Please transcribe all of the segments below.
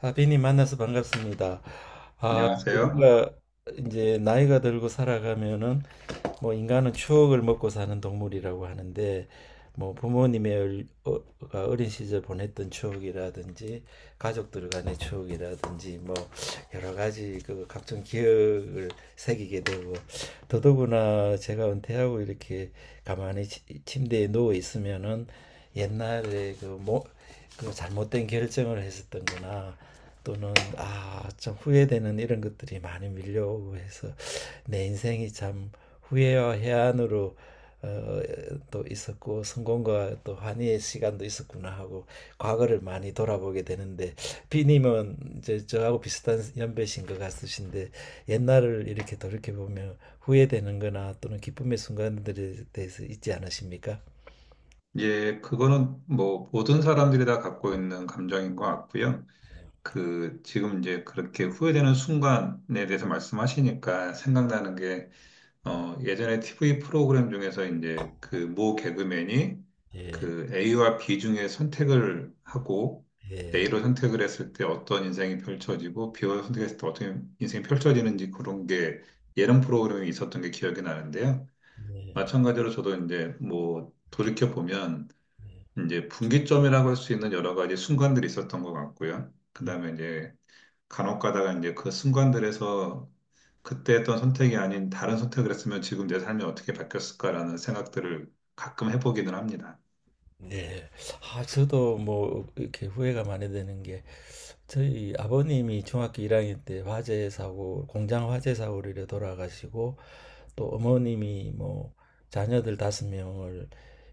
하빈이 만나서 반갑습니다. 아, 안녕하세요. 우리가 이제 나이가 들고 살아가면은 뭐 인간은 추억을 먹고 사는 동물이라고 하는데, 뭐 부모님의 가 어린 시절 보냈던 추억이라든지 가족들 간의 추억이라든지, 뭐 여러 가지 그 각종 기억을 새기게 되고 더더구나 제가 은퇴하고 이렇게 가만히 침대에 누워 있으면은, 옛날에 그 뭐 그 잘못된 결정을 했었던거나 또는 아 좀 후회되는 이런 것들이 많이 밀려오고 해서 내 인생이 참 후회와 해안으로 어, 또 있었고 성공과 또 환희의 시간도 있었구나 하고 과거를 많이 돌아보게 되는데, 비님은 이제 저하고 비슷한 연배신 것 같으신데 옛날을 이렇게 돌이켜 보면 후회되는 거나 또는 기쁨의 순간들에 대해서 있지 않으십니까? 예, 그거는 뭐 모든 사람들이 다 갖고 있는 감정인 것 같고요. 그 지금 이제 그렇게 후회되는 순간에 대해서 말씀하시니까 생각나는 게 예전에 TV 프로그램 중에서 이제 그 모 개그맨이 예, 그 A와 B 중에 선택을 하고, 예, A로 선택을 했을 때 어떤 인생이 펼쳐지고 B로 선택했을 때 어떤 인생이 펼쳐지는지, 그런 게 예능 프로그램이 있었던 게 기억이 나는데요. 예. 마찬가지로 저도 이제 뭐 돌이켜 보면 이제 분기점이라고 할 수 있는 여러 가지 순간들이 있었던 것 같고요. 예. 그다음에 이제 간혹가다가 이제 그 순간들에서 그때 했던 선택이 아닌 다른 선택을 했으면 지금 내 삶이 어떻게 바뀌었을까라는 생각들을 가끔 해보기는 합니다. 예. 아, 저도 뭐 이렇게 후회가 많이 되는 게, 저희 아버님이 중학교 1학년 때 화재 사고, 공장 화재 사고로 이래 돌아가시고, 또 어머님이 뭐 자녀들 다섯 명을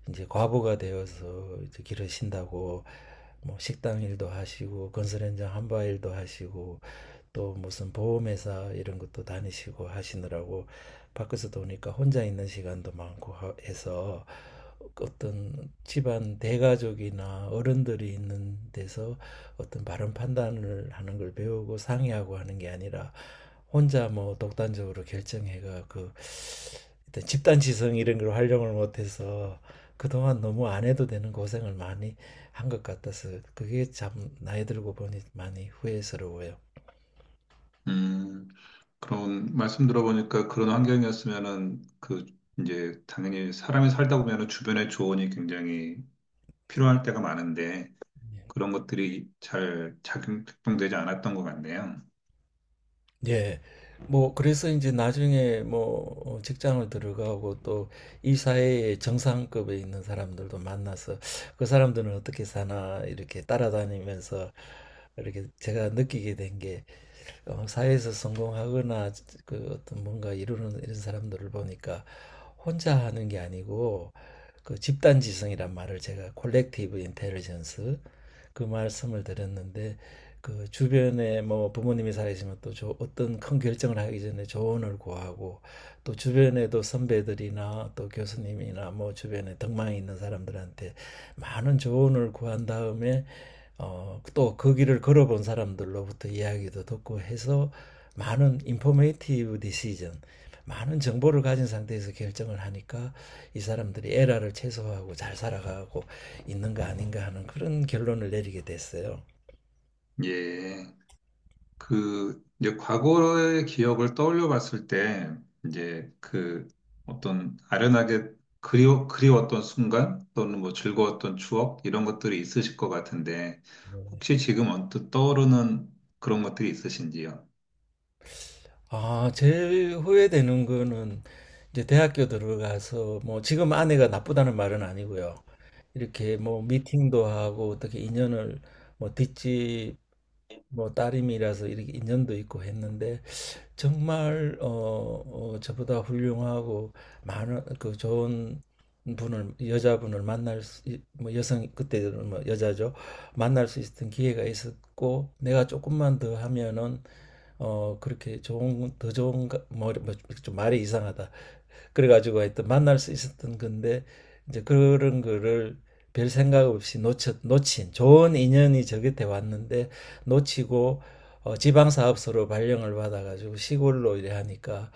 이제 과부가 되어서 이제 기르신다고 뭐 식당 일도 하시고 건설 현장 한바 일도 하시고 또 무슨 보험회사 이런 것도 다니시고 하시느라고 밖에서 도니까 혼자 있는 시간도 많고 해서, 어떤 집안 대가족이나 어른들이 있는 데서 어떤 바른 판단을 하는 걸 배우고 상의하고 하는 게 아니라 혼자 뭐 독단적으로 결정해가 그 일단 집단 지성 이런 걸 활용을 못해서 그동안 너무 안 해도 되는 고생을 많이 한 것 같아서 그게 참 나이 들고 보니 많이 후회스러워요. 음, 그런 말씀 들어보니까 그런 환경이었으면은 그 이제 당연히 사람이 살다 보면은 주변의 조언이 굉장히 필요할 때가 많은데 예. 그런 것들이 잘 작동되지 않았던 것 같네요. 예. 뭐 그래서 이제 나중에 뭐 직장을 들어가고 또 이 사회의 정상급에 있는 사람들도 만나서 그 사람들은 어떻게 사나 이렇게 따라다니면서 이렇게 제가 느끼게 된게, 사회에서 성공하거나 그 어떤 뭔가 이루는 이런 사람들을 보니까 혼자 하는 게 아니고 그 집단지성이란 말을 제가 콜렉티브 인텔리전스, 그 말씀을 드렸는데 그 주변에 뭐 부모님이 살아계시면 또 저 어떤 큰 결정을 하기 전에 조언을 구하고 또 주변에도 선배들이나 또 교수님이나 뭐 주변에 덕망이 있는 사람들한테 많은 조언을 구한 다음에 또 그 길을 걸어본 사람들로부터 이야기도 듣고 해서 많은 인포메이티브 디시전, 많은 정보를 가진 상태에서 결정을 하니까 이 사람들이 에러를 최소화하고 잘 살아가고 있는 거 아닌가 하는 그런 결론을 내리게 됐어요. 예. 그, 이제 과거의 기억을 떠올려 봤을 때, 이제 그 어떤 아련하게 그리웠던 순간 또는 뭐 즐거웠던 추억 이런 것들이 있으실 것 같은데, 혹시 지금 언뜻 떠오르는 그런 것들이 있으신지요? 아, 제일 후회되는 거는 이제 대학교 들어가서, 뭐 지금 아내가 나쁘다는 말은 아니고요. 이렇게 뭐 미팅도 하고 어떻게 인연을, 뭐 뒷집 뭐 따님이라서 이렇게 인연도 있고 했는데 정말 저보다 훌륭하고 많은 그 좋은 분을 여자분을 만날 수, 뭐 여성 그때는 뭐 여자죠. 만날 수 있었던 기회가 있었고 내가 조금만 더 하면은 그렇게 좋은 더 좋은 뭐, 뭐좀 말이 이상하다. 그래가지고 하여튼 만날 수 있었던 건데 이제 그런 거를 별 생각 없이 놓친 좋은 인연이 저 곁에 왔는데 놓치고 지방사업소로 발령을 받아가지고 시골로 이래 하니까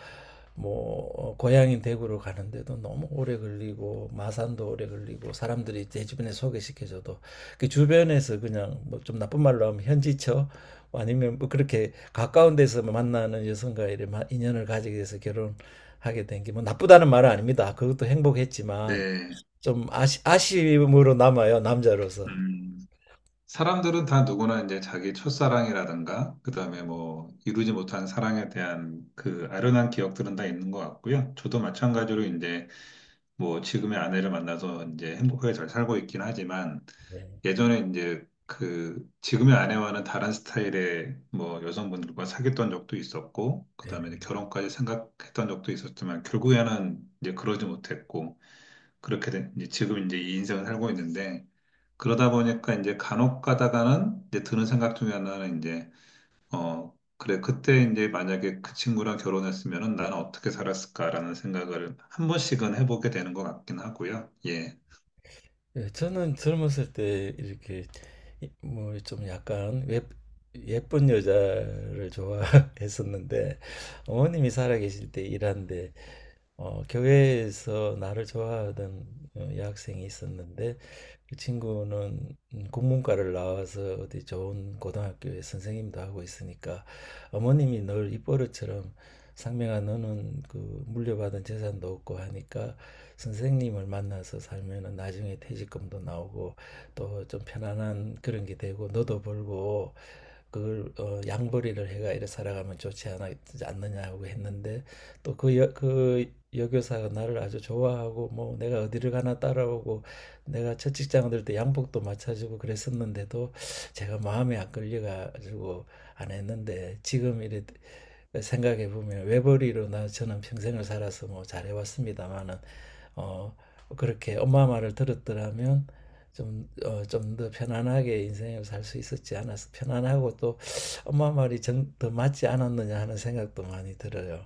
뭐 고향인 대구로 가는데도 너무 오래 걸리고 마산도 오래 걸리고 사람들이 내 주변에 소개시켜줘도 그 주변에서 그냥 뭐 좀 나쁜 말로 하면 현지처 아니면 뭐 그렇게 가까운 데서 만나는 여성과 이래 인연을 가지게 돼서 결혼 하게 된 게, 뭐 나쁘다는 말은 아닙니다. 그것도 행복했지만 네. 좀 아쉬움으로 남아요, 남자로서. 음. 사람들은 다 누구나 이제 자기 첫사랑이라든가, 그 다음에 뭐 이루지 못한 사랑에 대한 그 아련한 기억들은 다 있는 것 같고요. 저도 마찬가지로 이제 뭐 지금의 아내를 만나서 이제 행복하게 잘 살고 있긴 하지만 예, 예전에 이제 그 지금의 아내와는 다른 스타일의 뭐 여성분들과 사귀었던 적도 있었고, 그 예. 다음에 이제 결혼까지 생각했던 적도 있었지만 결국에는 이제 그러지 못했고, 이제 지금 이제 이 인생을 살고 있는데, 그러다 보니까 이제 간혹 가다가는 이제 드는 생각 중에 하나는 이제 그래, 그때 이제 만약에 그 친구랑 결혼했으면은 나는 어떻게 살았을까라는 생각을 한 번씩은 해보게 되는 것 같긴 하고요. 예. 예, 저는 젊었을 때 이렇게 뭐 좀 약간 예쁜 여자를 좋아했었는데 어머님이 살아계실 때 일하는데 교회에서 나를 좋아하던 여학생이 있었는데, 그 친구는 국문과를 나와서 어디 좋은 고등학교에 선생님도 하고 있으니까 어머님이 늘 입버릇처럼, 상명아 너는 그 물려받은 재산도 없고 하니까 선생님을 만나서 살면은 나중에 퇴직금도 나오고 또 좀 편안한 그런 게 되고 너도 벌고 그걸 양벌이를 해가 이래 살아가면 않느냐고 했는데, 또 그 여교사가 나를 아주 좋아하고 뭐 내가 어디를 가나 따라오고 내가 첫 직장 들때 양복도 맞춰주고 그랬었는데도 제가 마음에 안 걸려가지고 안 했는데, 지금 이래 생각해 보면 외벌이로 나 저는 평생을 살아서 뭐 잘해왔습니다마는 어 그렇게 엄마 말을 들었더라면 좀 더 편안하게 인생을 살 수 있었지 않았어, 편안하고 또 엄마 말이 더 맞지 않았느냐 하는 생각도 많이 들어요.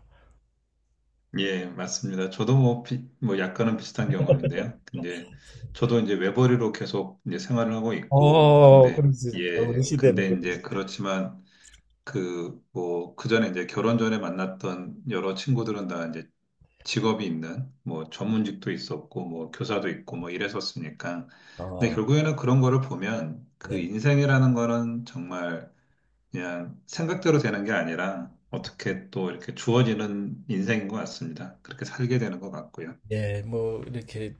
예, 맞습니다. 저도 뭐, 뭐 약간은 비슷한 경험인데요. 근데 저도 이제 외벌이로 계속 이제 생활을 하고 있고, 근데 그렇지. 예, 우리 시대는 근데 그래. 이제 그렇지만 그 뭐 그 전에 이제 결혼 전에 만났던 여러 친구들은 다 이제 직업이 있는 뭐 전문직도 있었고 뭐 교사도 있고 뭐 이랬었으니까, 근데 어, 결국에는 그런 거를 보면 그 네. 인생이라는 거는 정말 그냥 생각대로 되는 게 아니라 어떻게 또 이렇게 주어지는 인생인 것 같습니다. 그렇게 살게 되는 것 같고요. 예, 뭐 이렇게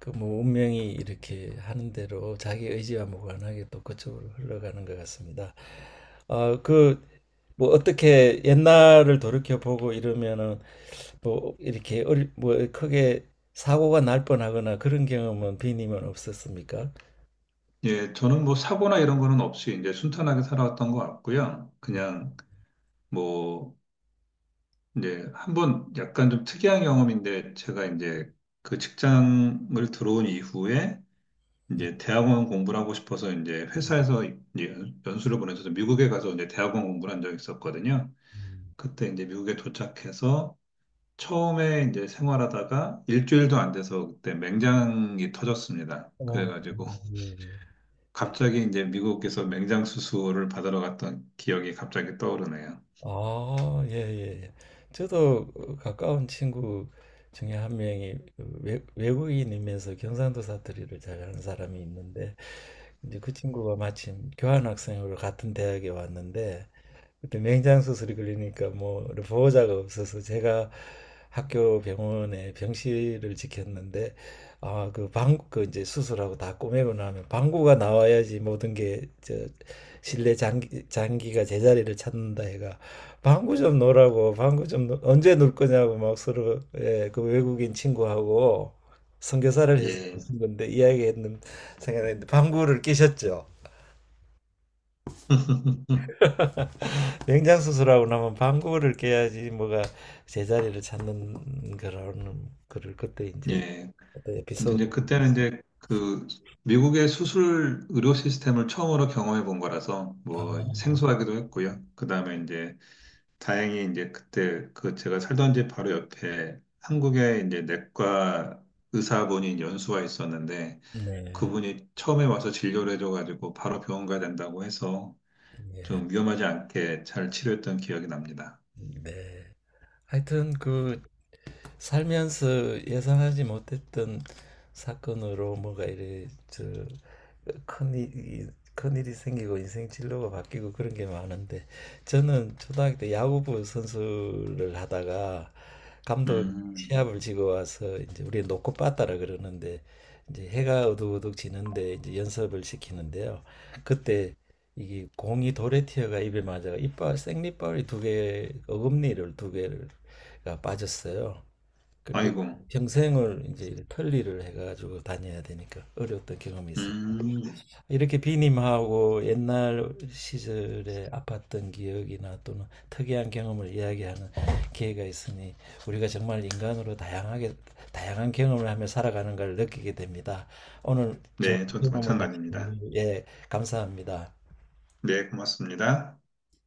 그 뭐 운명이 이렇게 하는 대로 자기 의지와 무관하게 또 그쪽으로 흘러가는 것 같습니다. 그 뭐 어떻게 옛날을 돌이켜 보고 이러면은 뭐 이렇게 뭐 크게 사고가 날 뻔하거나 그런 경험은 비님은 없었습니까? 예, 저는 뭐 사고나 이런 거는 없이 이제 순탄하게 살아왔던 것 같고요. 음. 그냥 뭐 이제 한번 약간 좀 특이한 경험인데, 제가 이제 그 직장을 들어온 이후에 이제 대학원 공부를 하고 싶어서 이제 회사에서 이제 수를 보내서 미국에 가서 이제 대학원 공부를 한 적이 있었거든요. 그때 이제 미국에 도착해서 처음에 이제 생활하다가 일주일도 안 돼서 그때 맹장이 터졌습니다. 어, 그래가지고 예. 갑자기 이제 미국에서 맹장 수술을 받으러 갔던 기억이 갑자기 떠오르네요. 아, 예, 예, 예. 저도 가까운 친구 중에 한 명이, 외국인이면서 경상도 사투리를 잘하는 사람이 있는데 이제 그 친구가 마침 교환학생으로 같은 대학에 왔는데 그때 맹장수술이 걸리니까 뭐 보호자가 없어서 제가 학교 병원에 병실을 지켰는데, 아, 그 방구 그 이제 수술하고 다 꼬매고 나면 방구가 나와야지 모든 게 저 실내 장기가 제자리를 찾는다 해가 방구 좀 놓으라고, 방구 좀 언제 놀 거냐고 막 서로, 예, 그 외국인 친구하고 선교사를 해서 예. 친 건데 이야기했는 생각했는데 방구를 끼셨죠. 명장 수술하고 나면 방구를 깨야지 뭐가 제자리를 찾는 거라는 거를 그때 이제 예. 어떤 그래서 에피소드. 이제 그때는 이제 그 미국의 수술 의료 시스템을 처음으로 경험해 본 거라서 뭐 아, 생소하기도 했고요. 그 다음에 이제 다행히 이제 그때 그 제가 살던 집 바로 옆에 한국의 이제 내과 의사분이 연수와 있었는데, 네, 그분이 처음에 와서 진료를 해줘가지고 바로 병원 가야 된다고 해서 좀 위험하지 않게 잘 치료했던 기억이 납니다. 네. 하여튼 그 살면서 예상하지 못했던 사건으로 뭐가 이래 저큰 큰일이 생기고 인생 진로가 바뀌고 그런 게 많은데, 저는 초등학교 때 야구부 선수를 하다가 감독 음. 시합을 지고 와서 이제 우리 놓고 빠따라 그러는데, 이제 해가 우둑우둑 지는데 이제 연습을 시키는데요. 그때 이게 공이 돌에 튀어가 입에 맞아가 이빨 생리빨이 두 개 어금니를 두 개가 빠졌어요. 그리고 아이고. 평생을 이제 편리를 해가지고 다녀야 되니까 어려웠던 경험이 있습니다. 음. 이렇게 비님하고 옛날 시절에 아팠던 기억이나 또는 특이한 경험을 이야기하는 기회가 있으니 우리가 정말 인간으로 다양하게 다양한 경험을 하며 살아가는 걸 느끼게 됩니다. 오늘 좋은 네, 저도 경험을 같이 마찬가지입니다. 예, 감사합니다. 네, 고맙습니다.